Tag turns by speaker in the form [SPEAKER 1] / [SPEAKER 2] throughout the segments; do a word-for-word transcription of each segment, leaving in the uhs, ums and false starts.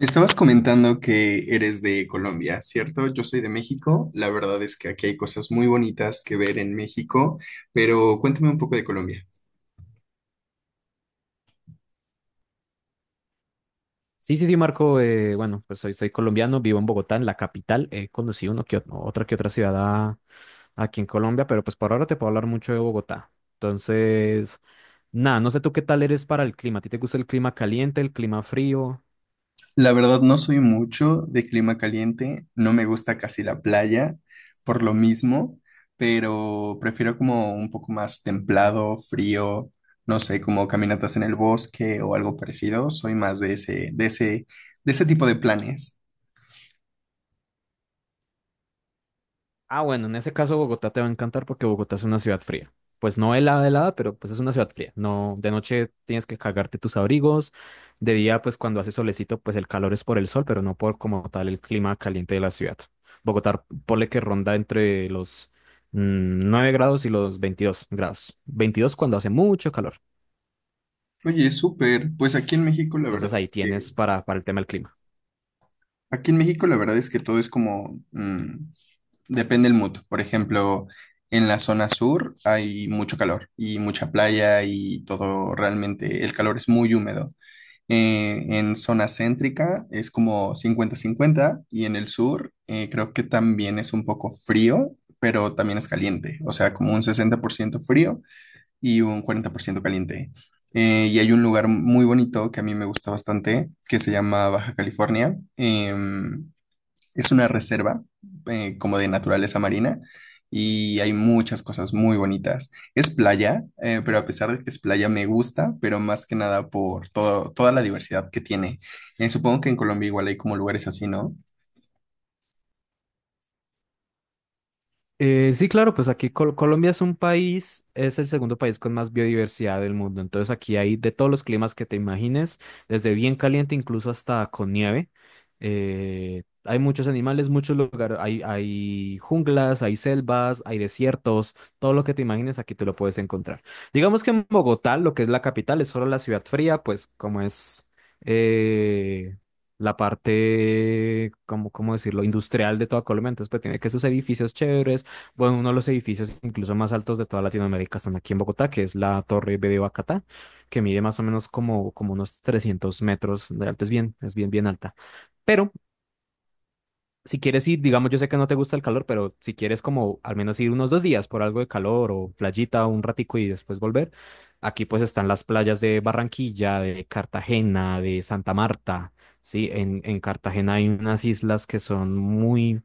[SPEAKER 1] Estabas comentando que eres de Colombia, ¿cierto? Yo soy de México. La verdad es que aquí hay cosas muy bonitas que ver en México, pero cuéntame un poco de Colombia.
[SPEAKER 2] Sí, sí, sí, Marco. Eh, bueno, pues soy, soy colombiano, vivo en Bogotá, en la capital. He conocido uno que, ot- otra que otra ciudad a- aquí en Colombia, pero pues por ahora te puedo hablar mucho de Bogotá. Entonces, nada, no sé tú qué tal eres para el clima. ¿A ti te gusta el clima caliente, el clima frío?
[SPEAKER 1] La verdad no soy mucho de clima caliente, no me gusta casi la playa por lo mismo, pero prefiero como un poco más templado, frío, no sé, como caminatas en el bosque o algo parecido. Soy más de ese, de ese, de ese tipo de planes.
[SPEAKER 2] Ah, bueno, en ese caso Bogotá te va a encantar porque Bogotá es una ciudad fría. Pues no helada, helada, pero pues es una ciudad fría. No, de noche tienes que cagarte tus abrigos. De día, pues cuando hace solecito, pues el calor es por el sol, pero no por como tal el clima caliente de la ciudad. Bogotá, ponle que ronda entre los mm, nueve grados y los veintidós grados. Veintidós cuando hace mucho calor.
[SPEAKER 1] Oye, súper. Pues aquí en México la verdad
[SPEAKER 2] Entonces ahí
[SPEAKER 1] es que
[SPEAKER 2] tienes para, para el tema del clima.
[SPEAKER 1] aquí en México la verdad es que todo es como, mm, depende del mood. Por ejemplo, en la zona sur hay mucho calor y mucha playa y todo realmente, el calor es muy húmedo. Eh, en zona céntrica es como cincuenta-cincuenta y en el sur eh, creo que también es un poco frío, pero también es caliente. O sea, como un sesenta por ciento frío y un cuarenta por ciento caliente. Eh, y hay un lugar muy bonito que a mí me gusta bastante, que se llama Baja California. Em, es una reserva eh, como de naturaleza marina y hay muchas cosas muy bonitas. Es playa, eh, pero a pesar de que es playa me gusta, pero más que nada por todo, toda la diversidad que tiene. Eh, supongo que en Colombia igual hay como lugares así, ¿no?
[SPEAKER 2] Eh, sí, claro, pues aquí Col- Colombia es un país, es el segundo país con más biodiversidad del mundo. Entonces aquí hay de todos los climas que te imagines, desde bien caliente incluso hasta con nieve. Eh, hay muchos animales, muchos lugares, hay, hay junglas, hay selvas, hay desiertos, todo lo que te imagines aquí te lo puedes encontrar. Digamos que en Bogotá, lo que es la capital, es solo la ciudad fría, pues como es eh, la parte, cómo cómo decirlo?, industrial de toda Colombia. Entonces, pues tiene que sus edificios chéveres, bueno, uno de los edificios incluso más altos de toda Latinoamérica están aquí en Bogotá, que es la Torre B de Bacatá, que mide más o menos como, como unos trescientos metros de alto. Es bien, es bien, bien alta. Pero si quieres ir, digamos, yo sé que no te gusta el calor, pero si quieres como al menos ir unos dos días por algo de calor o playita un ratico y después volver, aquí pues están las playas de Barranquilla, de Cartagena, de Santa Marta, ¿sí? En, en Cartagena hay unas islas que son muy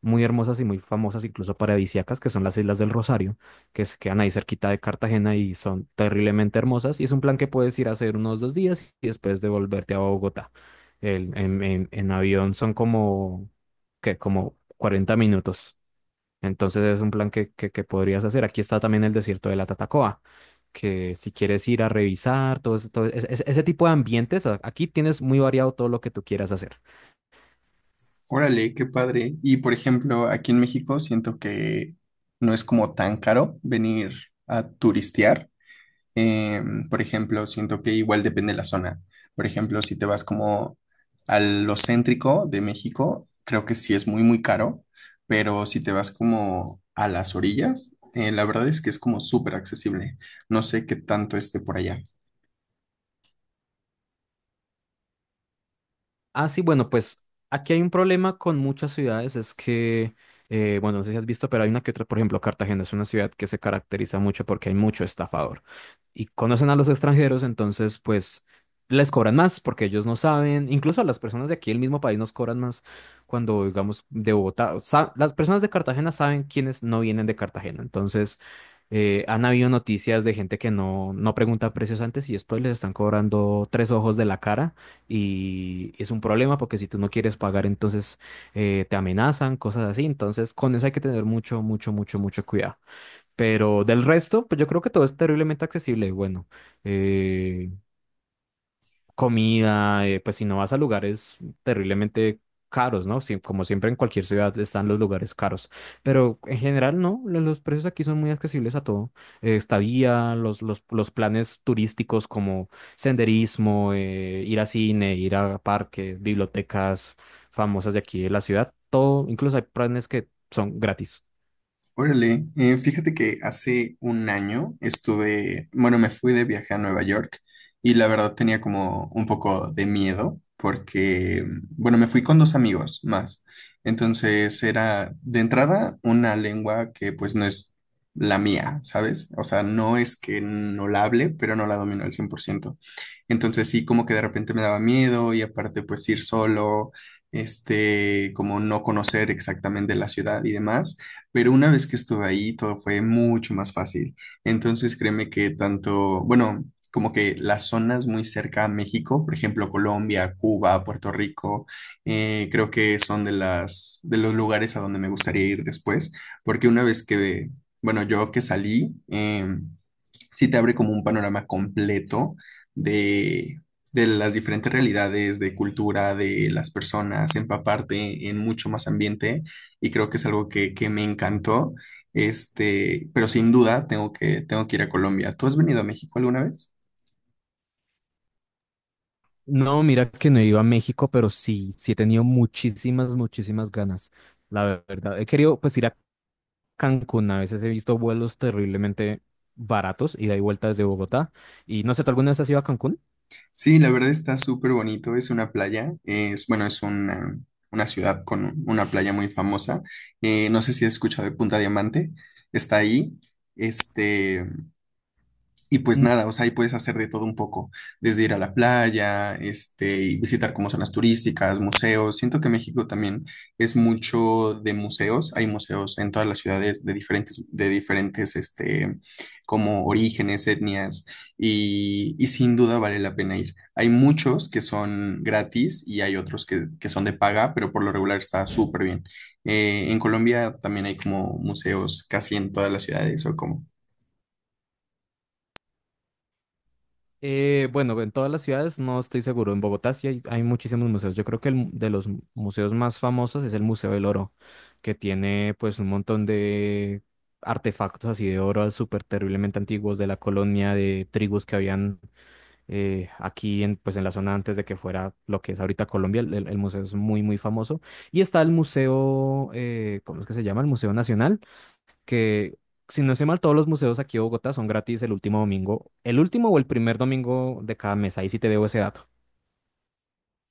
[SPEAKER 2] muy hermosas y muy famosas, incluso paradisíacas, que son las Islas del Rosario, que se quedan ahí cerquita de Cartagena y son terriblemente hermosas. Y es un plan que puedes ir a hacer unos dos días y después devolverte a Bogotá. El- en, en- en avión son como, que como cuarenta minutos. Entonces es un plan que, que, que podrías hacer. Aquí está también el desierto de la Tatacoa, que si quieres ir a revisar todo, ese- todo ese, ese- ese tipo de ambientes, a- aquí tienes muy variado todo lo que tú quieras hacer.
[SPEAKER 1] Órale, qué padre. Y por ejemplo, aquí en México siento que no es como tan caro venir a turistear. Eh, por ejemplo, siento que igual depende de la zona. Por ejemplo, si te vas como a lo céntrico de México, creo que sí es muy, muy caro, pero si te vas como a las orillas, eh, la verdad es que es como súper accesible. No sé qué tanto esté por allá.
[SPEAKER 2] Ah, sí, bueno, pues aquí hay un problema con muchas ciudades, es que, eh, bueno, no sé si has visto, pero hay una que otra, por ejemplo, Cartagena es una ciudad que se caracteriza mucho porque hay mucho estafador y conocen a los extranjeros, entonces, pues, les cobran más porque ellos no saben, incluso a las personas de aquí del mismo país nos cobran más cuando, digamos, de Bogotá, o sa- las personas de Cartagena saben quiénes no vienen de Cartagena, entonces, eh, han habido noticias de gente que no, no pregunta precios antes y después les están cobrando tres ojos de la cara y es un problema porque si tú no quieres pagar, entonces eh, te amenazan, cosas así. Entonces, con eso hay que tener mucho, mucho, mucho, mucho cuidado. Pero del resto, pues yo creo que todo es terriblemente accesible. Bueno, eh, comida, eh, pues si no vas a lugares terriblemente caros, ¿no? Sí, como siempre en cualquier ciudad están los lugares caros, pero en general no, lo- los precios aquí son muy accesibles a todo. Eh, estadía, los, los, los planes turísticos como senderismo, eh, ir a cine, ir a parques, bibliotecas famosas de aquí de la ciudad, todo, incluso hay planes que son gratis.
[SPEAKER 1] Órale, eh, fíjate que hace un año estuve, bueno, me fui de viaje a Nueva York y la verdad tenía como un poco de miedo porque, bueno, me fui con dos amigos más. Entonces era de entrada una lengua que pues no es la mía, ¿sabes? O sea, no es que no la hable, pero no la domino al cien por ciento. Entonces sí, como que de repente me daba miedo y aparte pues ir solo, este, como no conocer exactamente la ciudad y demás. Pero una vez que estuve ahí, todo fue mucho más fácil. Entonces, créeme que tanto, bueno, como que las zonas muy cerca a México, por ejemplo, Colombia, Cuba, Puerto Rico, eh, creo que son de las, de los lugares a donde me gustaría ir después, porque una vez que, bueno, yo que salí, em, sí te abre como un panorama completo de, de las diferentes realidades, de cultura, de las personas, empaparte en mucho más ambiente y creo que es algo que, que me encantó. Este, pero sin duda tengo que, tengo que ir a Colombia. ¿Tú has venido a México alguna vez?
[SPEAKER 2] No, mira que no he ido a México, pero sí, sí he tenido muchísimas, muchísimas ganas, la verdad. He querido pues ir a Cancún, a veces he visto vuelos terriblemente baratos, ida y vuelta desde Bogotá. Y no sé, ¿tú alguna vez has ido a Cancún?
[SPEAKER 1] Sí, la verdad está súper bonito. Es una playa, es, bueno, es una, una ciudad con una playa muy famosa. Eh, no sé si has escuchado de Punta Diamante, está ahí. Este, y pues nada, o sea, ahí puedes hacer de todo un poco, desde ir a la playa, este, y visitar como zonas turísticas, museos. Siento que México también es mucho de museos. Hay museos en todas las ciudades de diferentes, de diferentes, este, como orígenes, etnias, y, y sin duda vale la pena ir. Hay muchos que son gratis y hay otros que, que son de paga, pero por lo regular está súper bien. Eh, en Colombia también hay como museos casi en todas las ciudades o como...
[SPEAKER 2] Eh, bueno, en todas las ciudades no estoy seguro. En Bogotá sí hay, hay muchísimos museos. Yo creo que el mu- de los mu- museos más famosos es el Museo del Oro, que tiene pues un montón de artefactos así de oro súper terriblemente antiguos de la colonia de tribus que habían eh, aquí en, pues en la zona antes de que fuera lo que es ahorita Colombia, el, el- el museo es muy, muy famoso. Y está el museo, eh, ¿cómo es que se llama? El Museo Nacional, que si no estoy mal, todos los museos aquí de Bogotá son gratis el último domingo, el último o el primer domingo de cada mes, ahí sí te debo ese dato.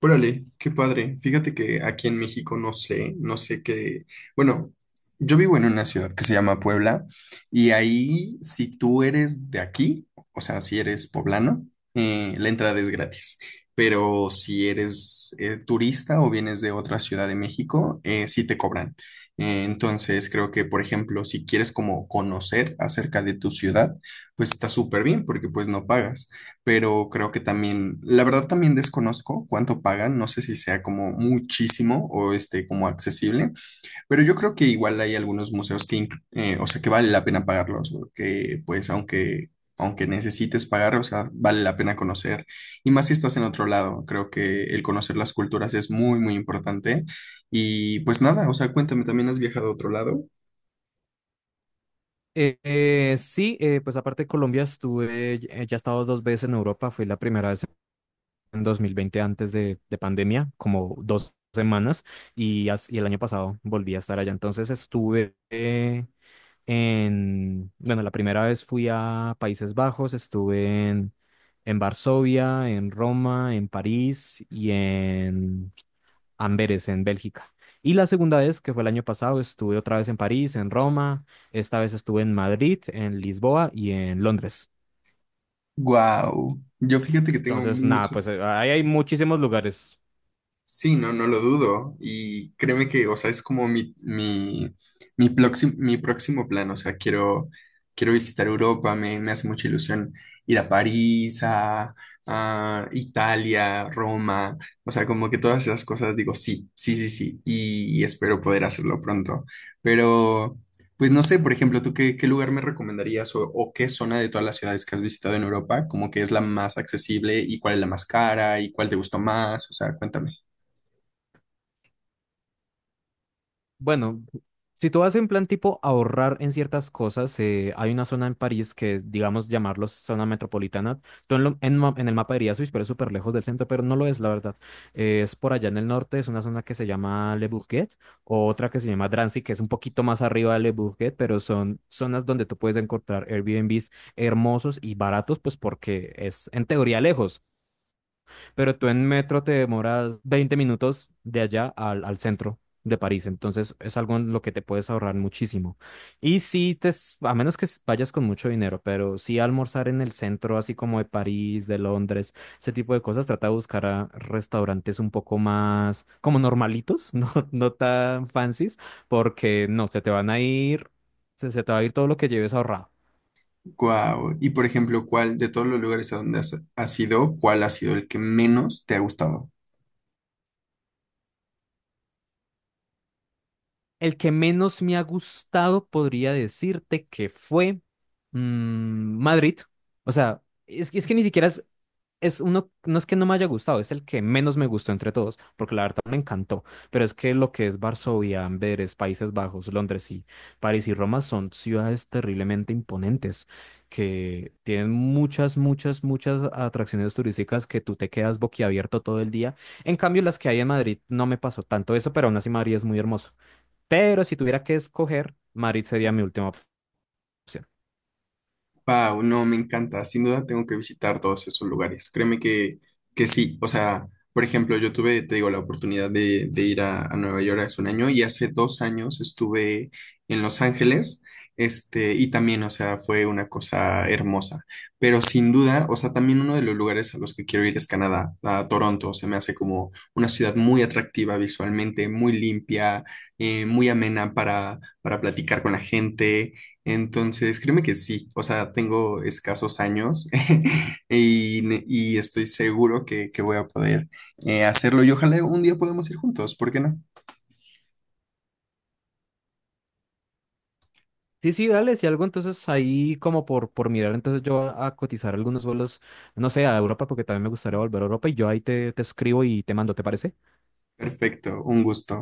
[SPEAKER 1] Órale, qué padre. Fíjate que aquí en México no sé, no sé qué. Bueno, yo vivo en una ciudad que se llama Puebla y ahí si tú eres de aquí, o sea, si eres poblano, eh, la entrada es gratis. Pero si eres eh, turista o vienes de otra ciudad de México, eh, sí te cobran. Eh, entonces creo que, por ejemplo, si quieres como conocer acerca de tu ciudad, pues está súper bien porque pues no pagas, pero creo que también, la verdad también desconozco cuánto pagan, no sé si sea como muchísimo o este como accesible, pero yo creo que igual hay algunos museos que, inclu- eh, o sea, que vale la pena pagarlos, o que pues aunque, aunque necesites pagar, o sea, vale la pena conocer, y más si estás en otro lado, creo que el conocer las culturas es muy, muy importante, y pues nada, o sea, cuéntame, ¿también has viajado a otro lado?
[SPEAKER 2] Eh, eh, sí, eh, pues aparte de Colombia estuve, eh, ya he estado dos veces en Europa, fui la primera vez en dos mil veinte antes de, de pandemia, como dos semanas, y, as- y el año pasado volví a estar allá. Entonces estuve eh, En, bueno, la primera vez fui a Países Bajos, estuve en, en Varsovia, en Roma, en París y en Amberes, en Bélgica. Y la segunda vez, que fue el año pasado, estuve otra vez en París, en Roma, esta vez estuve en Madrid, en Lisboa y en Londres.
[SPEAKER 1] Wow, yo fíjate que tengo
[SPEAKER 2] Entonces, nada, pues
[SPEAKER 1] muchas.
[SPEAKER 2] eh, ahí hay muchísimos lugares.
[SPEAKER 1] Sí, no, no lo dudo. Y créeme que, o sea, es como mi, mi, mi, próximo, mi próximo plan. O sea, quiero, quiero visitar Europa, me, me hace mucha ilusión ir a París, a, a Italia, Roma. O sea, como que todas esas cosas digo, sí, sí, sí, sí. Y, y espero poder hacerlo pronto. Pero, pues no sé, por ejemplo, ¿tú qué, qué lugar me recomendarías o, o qué zona de todas las ciudades que has visitado en Europa, como que es la más accesible y cuál es la más cara y cuál te gustó más? O sea, cuéntame.
[SPEAKER 2] Bueno, si tú vas en plan tipo ahorrar en ciertas cosas, eh, hay una zona en París que, es, digamos, llamarlos zona metropolitana. Tú en, lo- en ma- En el mapa dirías, uy, pero es súper lejos del centro, pero no lo es, la verdad. Eh, es por allá en el norte, es una zona que se llama Le Bourget, o otra que se llama Drancy, que es un poquito más arriba de Le Bourget, pero son zonas donde tú puedes encontrar Airbnbs hermosos y baratos, pues porque es en teoría lejos, pero tú en metro te demoras veinte minutos de allá al, al centro de París, entonces es algo en lo que te puedes ahorrar muchísimo. Y sí, te, s- a menos que s- vayas con mucho dinero, pero sí almorzar en el centro, así como de París, de Londres, ese tipo de cosas, trata de buscar a restaurantes un poco más como normalitos, no, no tan fancies, porque no, se te van a ir, se, se te va a ir todo lo que lleves ahorrado.
[SPEAKER 1] Guau. Y por ejemplo, ¿cuál de todos los lugares a donde has, has ido, cuál ha sido el que menos te ha gustado?
[SPEAKER 2] El que menos me ha gustado podría decirte que fue mm, Madrid. O sea, es, que- es que ni siquiera es, es uno, no es que no me haya gustado, es el que menos me gustó entre todos, porque la verdad me encantó. Pero es que lo que es Varsovia, Amberes, Países Bajos, Londres y París y Roma son ciudades terriblemente imponentes, que tienen muchas, muchas, muchas atracciones turísticas que tú te quedas boquiabierto todo el día. En cambio, las que hay en Madrid no me pasó tanto eso, pero aún así Madrid es muy hermoso. Pero si tuviera que escoger, Madrid sería mi última opción.
[SPEAKER 1] Wow, no, me encanta. Sin duda tengo que visitar todos esos lugares. Créeme que, que sí. O sea, por ejemplo, yo tuve, te digo, la oportunidad de, de ir a, a Nueva York hace un año y hace dos años estuve en Los Ángeles. Este, y también, o sea, fue una cosa hermosa. Pero sin duda, o sea, también uno de los lugares a los que quiero ir es Canadá, a Toronto. Se me hace como una ciudad muy atractiva visualmente, muy limpia, eh, muy amena para, para platicar con la gente. Entonces, créeme que sí, o sea, tengo escasos años y, ne- y estoy seguro que, que voy a poder eh, hacerlo y ojalá un día podamos ir juntos, ¿por qué no?
[SPEAKER 2] Sí, sí, dale, si algo, entonces ahí como por, por mirar, entonces yo a, a cotizar algunos vuelos, no sé, a Europa, porque también me gustaría volver a Europa y yo ahí te, te escribo y te mando, ¿te parece?
[SPEAKER 1] Perfecto, un gusto.